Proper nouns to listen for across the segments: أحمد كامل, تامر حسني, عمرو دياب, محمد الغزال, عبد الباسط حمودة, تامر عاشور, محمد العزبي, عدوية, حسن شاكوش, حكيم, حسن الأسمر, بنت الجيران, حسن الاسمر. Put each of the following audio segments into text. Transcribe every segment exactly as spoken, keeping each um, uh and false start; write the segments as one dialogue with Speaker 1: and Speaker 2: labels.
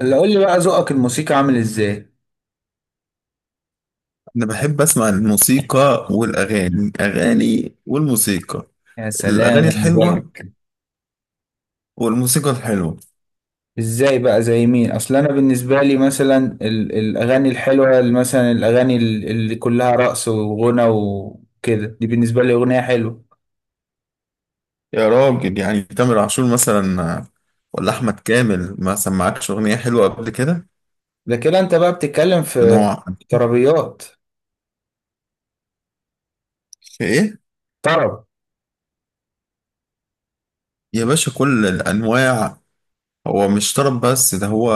Speaker 1: اللي قول لي بقى، ذوقك الموسيقى عامل ازاي؟
Speaker 2: أنا بحب أسمع الموسيقى والأغاني أغاني والموسيقى.
Speaker 1: يا سلام،
Speaker 2: الأغاني
Speaker 1: يا
Speaker 2: الحلوة
Speaker 1: مزاجك.
Speaker 2: والموسيقى الحلوة.
Speaker 1: ازاي بقى؟ زي مين؟ اصل انا بالنسبه لي مثلا ال- الاغاني الحلوه، اللي مثلا الاغاني ال- اللي كلها رقص وغنى وكده، دي بالنسبه لي اغنيه حلوه.
Speaker 2: يا راجل، يعني تامر عاشور مثلا، ولا أحمد كامل ما سمعكش أغنية حلوة قبل كده؟
Speaker 1: ده كده انت بقى بتتكلم في
Speaker 2: بنوع.
Speaker 1: طربيات.
Speaker 2: في إيه؟
Speaker 1: طرب.
Speaker 2: يا باشا كل الأنواع. هو مش طرب بس ده، هو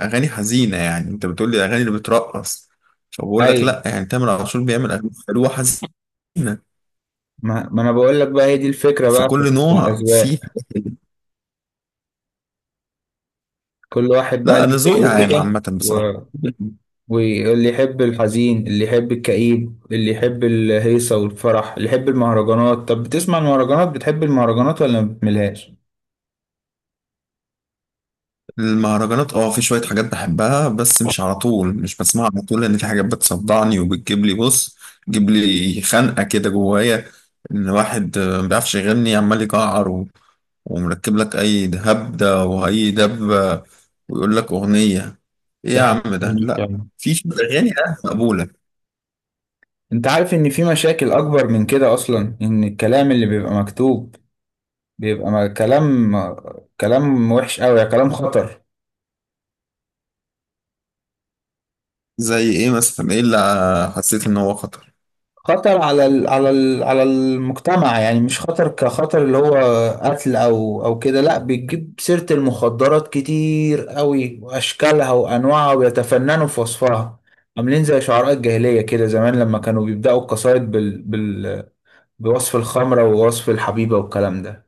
Speaker 2: أغاني حزينة. يعني أنت بتقولي الأغاني اللي بترقص، فبقول لك
Speaker 1: ايوه.
Speaker 2: لأ، يعني تامر عاشور بيعمل أغاني حلوة حزينة.
Speaker 1: ما, ما انا بقول لك بقى، هي دي الفكره بقى في
Speaker 2: فكل
Speaker 1: في
Speaker 2: نوع فيه.
Speaker 1: الاذواق. كل واحد بقى
Speaker 2: لا أنا
Speaker 1: ليه
Speaker 2: ذوقي
Speaker 1: ذوق
Speaker 2: عام،
Speaker 1: كده.
Speaker 2: عامة بصراحة.
Speaker 1: واللي يحب الحزين، اللي يحب الكئيب، اللي يحب الهيصة والفرح، اللي يحب المهرجانات. طب بتسمع المهرجانات؟ بتحب المهرجانات ولا ما بتملهاش؟
Speaker 2: المهرجانات، اه في شوية حاجات بحبها، بس مش على طول، مش بسمعها على طول، لأن في حاجات بتصدعني، وبتجيب لي، بص تجيب لي خنقة كده جوايا. إن واحد، آه، ما بيعرفش يغني، عمال يجعر و- ومركب لك أي هبدة وأي دبة، ويقول لك أغنية. إيه
Speaker 1: ده
Speaker 2: يا
Speaker 1: حق
Speaker 2: عم ده؟
Speaker 1: جميل
Speaker 2: لأ.
Speaker 1: فعلا.
Speaker 2: في شوية أغاني آه مقبولة.
Speaker 1: انت عارف ان في مشاكل اكبر من كده اصلا؟ ان الكلام اللي بيبقى مكتوب بيبقى م- كلام كلام وحش قوي، كلام خطر.
Speaker 2: زي إيه مثلا؟ إيه اللي حسيت إن هو خطر؟
Speaker 1: خطر على ال على ال على المجتمع، يعني مش خطر كخطر اللي هو قتل او او كده، لا. بتجيب سيرة المخدرات كتير قوي، واشكالها وانواعها، ويتفننوا في وصفها. عاملين زي شعراء الجاهلية كده، زمان لما كانوا بيبدأوا القصايد بال بال بوصف الخمرة ووصف الحبيبة والكلام ده.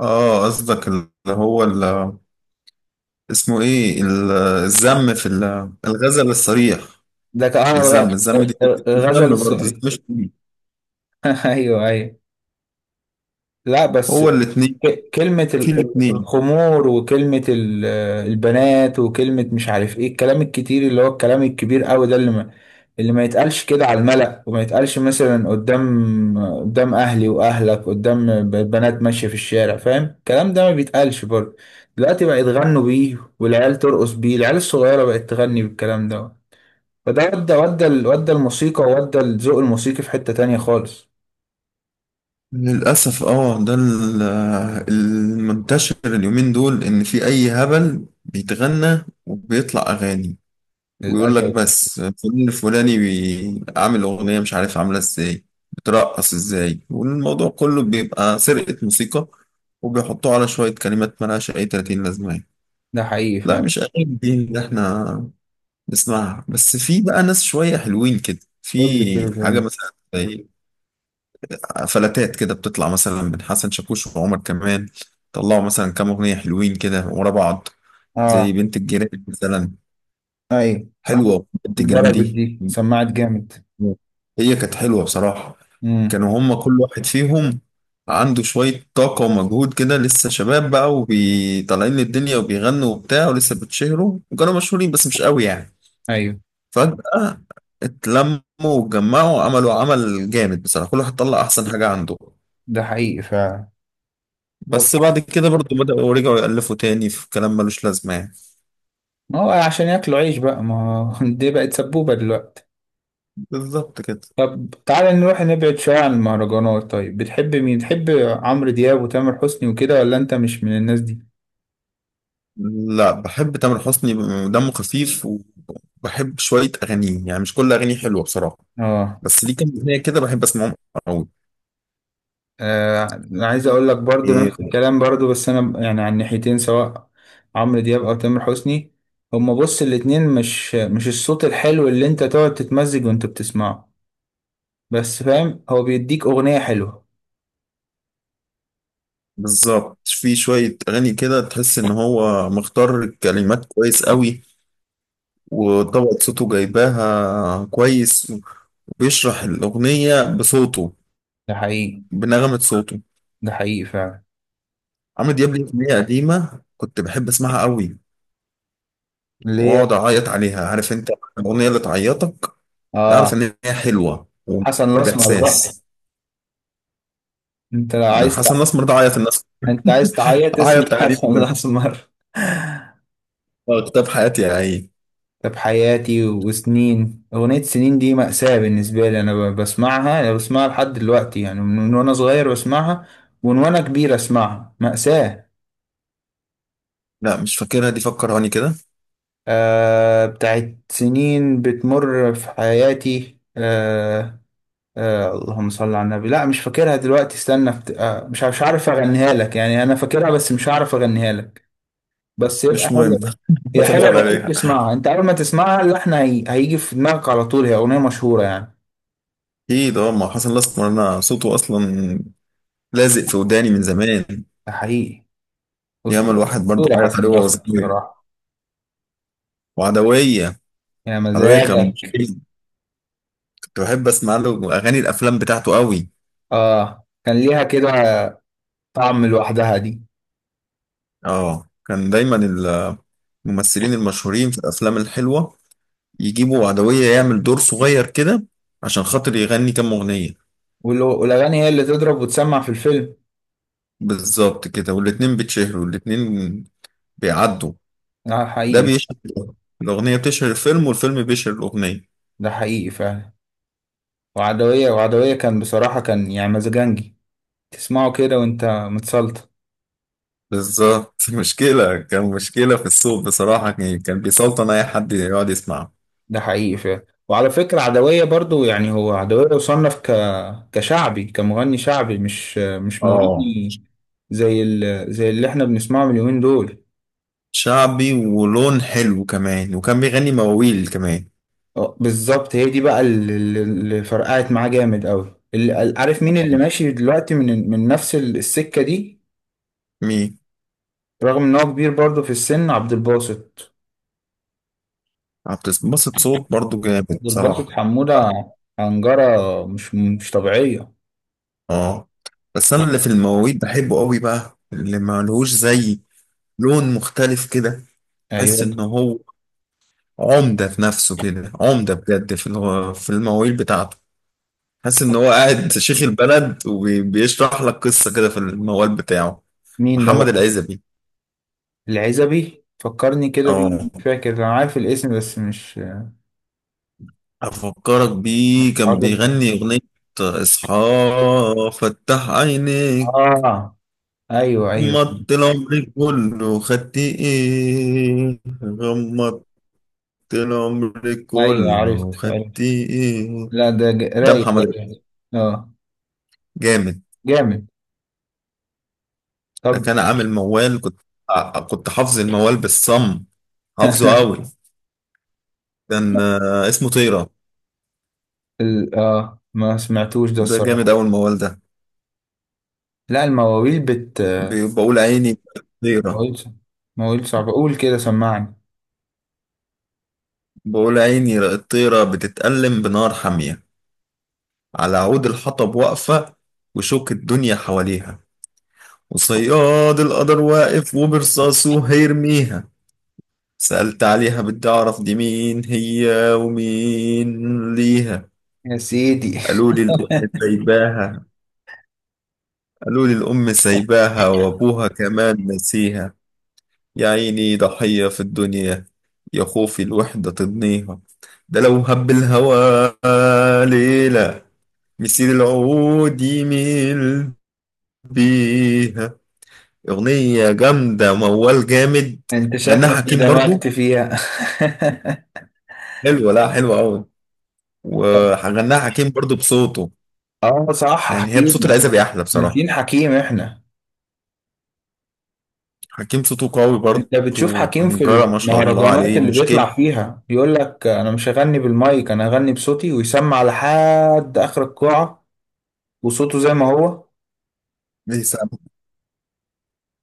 Speaker 2: آه، قصدك اللي هو، اللي اسمه إيه، ال- الذم في ال- الغزل الصريح؟
Speaker 1: ده كان
Speaker 2: مش
Speaker 1: آه،
Speaker 2: الذم، الذم دي.
Speaker 1: غ- غزل
Speaker 2: الذم، برضه الذم
Speaker 1: السؤال.
Speaker 2: مش كتير.
Speaker 1: ايوه، ايوه. لا بس
Speaker 2: هو الاتنين.
Speaker 1: ك- كلمة
Speaker 2: في
Speaker 1: ال- ال-
Speaker 2: الاتنين.
Speaker 1: الخمور، وكلمة ال- البنات، وكلمة مش عارف ايه، الكلام الكتير اللي هو الكلام الكبير قوي ده، اللي ما اللي ما يتقالش كده على الملأ، وما يتقالش مثلا قدام قدام اهلي واهلك، قدام ب- بنات ماشية في الشارع، فاهم؟ الكلام ده ما بيتقالش برضه. دلوقتي بقى يتغنوا بيه، والعيال ترقص بيه، العيال الصغيرة بقت تغني بالكلام ده. فده ودى ودى ال- ودى الموسيقى، وودى الذوق الموسيقي في حتة تانية خالص.
Speaker 2: للأسف، اه ده ال- المنتشر اليومين دول، إن في أي هبل بيتغنى وبيطلع أغاني، ويقول لك
Speaker 1: للأسف.
Speaker 2: بس فلان الفلاني بي- عامل أغنية، مش عارف عاملة ازاي، بترقص ازاي، والموضوع كله بيبقى سرقة موسيقى، وبيحطوه على شوية كلمات ملهاش أي ثلاثين لازمة.
Speaker 1: ده حقيقي
Speaker 2: لا
Speaker 1: فعلا.
Speaker 2: مش أغاني دي إن احنا نسمعها، بس في بقى ناس شوية حلوين كده،
Speaker 1: قول لي
Speaker 2: في
Speaker 1: كده
Speaker 2: حاجة
Speaker 1: تاني.
Speaker 2: مثلا زي فلاتات كده بتطلع مثلا من حسن شاكوش وعمر، كمان طلعوا مثلا كام أغنية حلوين كده ورا بعض. زي
Speaker 1: اه،
Speaker 2: بنت الجيران مثلا،
Speaker 1: ايوه، صح.
Speaker 2: حلوة بنت الجيران
Speaker 1: اتضربت
Speaker 2: دي.
Speaker 1: دي، سمعت جامد.
Speaker 2: هي كانت حلوة بصراحة.
Speaker 1: امم.
Speaker 2: كانوا هما كل واحد فيهم عنده شوية طاقة ومجهود كده، لسه شباب بقى وطالعين للدنيا وبيغنوا وبتاع، ولسه بتشهروا، وكانوا مشهورين بس مش قوي يعني.
Speaker 1: ايوه.
Speaker 2: فجأة اتلموا واتجمعوا، عملوا عمل جامد بصراحة، كل واحد طلع أحسن حاجة عنده.
Speaker 1: ده حقيقي فعلا.
Speaker 2: بس
Speaker 1: طب.
Speaker 2: بعد كده برضو بدأوا رجعوا يألفوا تاني في كلام ملوش لازمة يعني.
Speaker 1: ما هو عشان ياكلوا عيش بقى، ما هو دي بقت سبوبة دلوقتي.
Speaker 2: بالظبط كده.
Speaker 1: طب تعالى نروح نبعد شوية عن المهرجانات. طيب، بتحب مين؟ تحب عمرو دياب وتامر حسني وكده ولا انت مش من الناس دي؟
Speaker 2: لا، بحب تامر حسني، دمه خفيف. وبحب شوية أغانيه، يعني مش كل أغانيه حلوة بصراحة،
Speaker 1: اه.
Speaker 2: بس ليه كام أغنية كده بحب أسمعهم أوي.
Speaker 1: آه، انا عايز اقول لك برضو
Speaker 2: إيه،؟
Speaker 1: نفس الكلام، برضو بس انا يعني عن ناحيتين، سواء عمرو دياب او تامر حسني. هما بص، الاتنين مش مش الصوت الحلو اللي انت تقعد تتمزج وانت بتسمعه. بس فاهم، هو بيديك اغنيه حلوه.
Speaker 2: بالظبط، في شوية أغاني كده تحس إن هو مختار الكلمات كويس أوي، وطبقة صوته جايباها كويس، بيشرح الأغنية بصوته،
Speaker 1: ده حقيقي.
Speaker 2: بنغمة صوته.
Speaker 1: ده حقيقي فعلا.
Speaker 2: عمرو دياب ليه أغنية قديمة كنت بحب أسمعها قوي
Speaker 1: اللي هي؟
Speaker 2: وأقعد أعيط عليها. عارف أنت الأغنية اللي تعيطك؟ أعرف
Speaker 1: اه.
Speaker 2: إن هي حلوة ومليانة
Speaker 1: حسن الاسمر بقى.
Speaker 2: بإحساس.
Speaker 1: انت لو
Speaker 2: لو
Speaker 1: عايز تع...
Speaker 2: حسن الأسمر ده عيط الناس،
Speaker 1: انت عايز تعيط اسم
Speaker 2: أعيط عليه
Speaker 1: حسن
Speaker 2: لما-
Speaker 1: الاسمر؟
Speaker 2: آه، كتاب حياتي يا عيني.
Speaker 1: طب حياتي وسنين، اغنيه سنين دي مأساة بالنسبه لي. انا ب- بسمعها انا بسمعها لحد دلوقتي يعني، من من وانا صغير بسمعها. ومن وانا كبير اسمعها، مأساة.
Speaker 2: لا مش فاكرها دي، فكرهاني كده.
Speaker 1: آه، بتاعت سنين بتمر في حياتي، آه. آه، اللهم صل على النبي. لا، مش فاكرها دلوقتي، استنى بت... آه مش مش عارف اغنيها لك يعني. انا فاكرها بس مش عارف اغنيها لك. بس يبقى
Speaker 2: مش مهم.
Speaker 1: حلو. هي حلوه،
Speaker 2: بدور
Speaker 1: بقيت
Speaker 2: عليها.
Speaker 1: تسمعها انت، اول ما تسمعها اللحن هي... هيجي في دماغك على طول، هي اغنيه مشهوره يعني.
Speaker 2: أكيد أه ما حسن الأسمر أنا صوته أصلا لازق في وداني من زمان.
Speaker 1: ده حقيقي.
Speaker 2: ياما
Speaker 1: اسطوره.
Speaker 2: الواحد برضو
Speaker 1: اسطوره
Speaker 2: عيط
Speaker 1: حسن
Speaker 2: عليه وهو
Speaker 1: الاسمر
Speaker 2: صغير.
Speaker 1: بصراحه.
Speaker 2: وعدوية.
Speaker 1: يا
Speaker 2: عدوية كان
Speaker 1: مزاجك.
Speaker 2: مشكلة. كنت بحب اسمع له اغاني الافلام بتاعته قوي.
Speaker 1: اه، كان ليها كده طعم لوحدها دي.
Speaker 2: اه، كان دايما الممثلين المشهورين في الافلام الحلوه يجيبوا عدويه يعمل دور صغير كده عشان خاطر يغني كام اغنيه.
Speaker 1: وال- والاغاني هي اللي تضرب وتسمع في الفيلم.
Speaker 2: بالظبط كده، والاتنين بيتشهروا والاتنين بيعدوا.
Speaker 1: ده
Speaker 2: ده
Speaker 1: حقيقي.
Speaker 2: بيشهر، الاغنيه بتشهر الفيلم والفيلم بيشهر الاغنيه.
Speaker 1: ده حقيقي فعلا. وعدويه وعدويه كان بصراحه، كان يعني مزاجنجي. تسمعه كده وانت متسلطن.
Speaker 2: بالظبط. مشكله، كان مشكله في السوق بصراحه، كان كان بيسلطن اي حد يقعد يسمعه.
Speaker 1: ده حقيقي فعلا. وعلى فكرة عدوية برضو، يعني هو عدوية يصنف ك... كشعبي، كمغني شعبي، مش مش
Speaker 2: اه،
Speaker 1: مغني. زي ال... زي اللي احنا بنسمعه من اليومين دول.
Speaker 2: شعبي، ولون حلو كمان، وكان بيغني مواويل كمان.
Speaker 1: اه، بالظبط. هي دي بقى اللي, اللي اللي فرقعت معاه جامد قوي. اللي... عارف مين اللي ماشي دلوقتي من من نفس ال- السكة دي؟
Speaker 2: مين؟
Speaker 1: رغم ان هو كبير برضو في السن، عبد الباسط.
Speaker 2: آه، بتتبسط. صوت برضو جامد
Speaker 1: عبد الباسط
Speaker 2: صراحة.
Speaker 1: حمودة. عنجرة مش مش طبيعية.
Speaker 2: اه، بس انا اللي في المواويل بحبه قوي بقى، اللي ما لهوش زي، لون مختلف كده. حس
Speaker 1: ايوه.
Speaker 2: ان هو عمدة في نفسه كده، عمدة بجد في الو- في المواويل بتاعته. حس ان هو قاعد شيخ البلد وبيشرح لك قصة كده في الموال بتاعه.
Speaker 1: مين ده
Speaker 2: محمد
Speaker 1: بقى؟
Speaker 2: العزبي.
Speaker 1: العزبي فكرني كده بيه،
Speaker 2: اه،
Speaker 1: مش فاكر، انا عارف الاسم بس مش
Speaker 2: افكرك
Speaker 1: مش
Speaker 2: بيه، كان
Speaker 1: حاضر.
Speaker 2: بيغني اغنية، اصحى، فتح عينيك،
Speaker 1: اه، ايوه، ايوه.
Speaker 2: غمضت العمر كله خدت ايه، غمضت العمر
Speaker 1: ايوه
Speaker 2: كله
Speaker 1: عرفت
Speaker 2: خدت
Speaker 1: عرفت.
Speaker 2: ايه.
Speaker 1: لا، ده ج-
Speaker 2: ده
Speaker 1: رايق ده.
Speaker 2: محمد الغزال.
Speaker 1: اه.
Speaker 2: جامد.
Speaker 1: جامد.
Speaker 2: ده
Speaker 1: طب.
Speaker 2: كان عامل موال، كنت كنت حافظ الموال بالصم، حافظه قوي. كان آه، اسمه طيرة.
Speaker 1: ال... اه، ما سمعتوش ده
Speaker 2: ده جامد
Speaker 1: الصراحة.
Speaker 2: أوي الموال ده.
Speaker 1: لا، المواويل بت
Speaker 2: بي- بقول عيني طيرة.
Speaker 1: مواويل ص- مواويل صعبة، قول كده سمعني.
Speaker 2: بقول، عيني الطيرة بتتألم بنار حامية، على عود الحطب واقفة، وشوك الدنيا حواليها، وصياد القدر واقف وبرصاصه هيرميها. سألت عليها، بدي أعرف دي مين هي ومين ليها.
Speaker 1: يا سيدي.
Speaker 2: قالوا لي الأم سايباها، قالوا لي الأم سايباها وأبوها كمان نسيها. يا عيني ضحية في الدنيا، يا خوفي الوحدة تضنيها. ده لو هب الهوى ليلة، مسير العود يميل بيها. أغنية جامدة، موال جامد.
Speaker 1: انت
Speaker 2: غناها
Speaker 1: شكلك
Speaker 2: حكيم برضو.
Speaker 1: دمجت فيها.
Speaker 2: حلوة، لا، حلوة قوي. وغناها حكيم برضو بصوته.
Speaker 1: اه صح،
Speaker 2: يعني هي
Speaker 1: حكيم.
Speaker 2: بصوت العزبي احلى بصراحة.
Speaker 1: ناسيين حكيم احنا.
Speaker 2: حكيم صوته قوي برضو،
Speaker 1: انت بتشوف حكيم في
Speaker 2: وحنجرة ما شاء الله
Speaker 1: المهرجانات
Speaker 2: عليه،
Speaker 1: اللي
Speaker 2: مشكلة.
Speaker 1: بيطلع فيها بيقول لك انا مش هغني بالمايك، انا هغني بصوتي ويسمع لحد اخر القاعة. وصوته زي ما هو.
Speaker 2: بيسمع-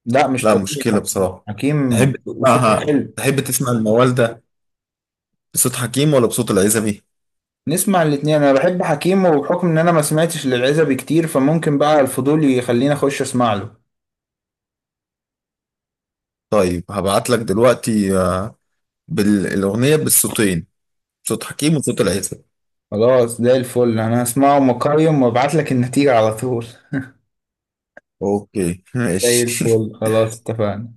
Speaker 1: لا، مش
Speaker 2: لا
Speaker 1: طبيعي
Speaker 2: مشكلة
Speaker 1: حكيم،
Speaker 2: بصراحة. تحب
Speaker 1: حكيم وصوته
Speaker 2: تسمعها،
Speaker 1: حلو.
Speaker 2: تحب تسمع الموالدة بصوت حكيم ولا بصوت العزبي؟
Speaker 1: نسمع الاتنين. انا بحب حكيم، وبحكم ان انا ما سمعتش للعزبي كتير، فممكن بقى الفضول يخليني اخش اسمع له.
Speaker 2: طيب هبعت لك دلوقتي آه، بالأغنية بالصوتين، صوت حكيم وصوت العزبي.
Speaker 1: خلاص، زي الفل، انا هسمعه مقيم وابعت لك النتيجة على طول.
Speaker 2: اوكي
Speaker 1: زي
Speaker 2: ماشي.
Speaker 1: الفل، خلاص، اتفقنا.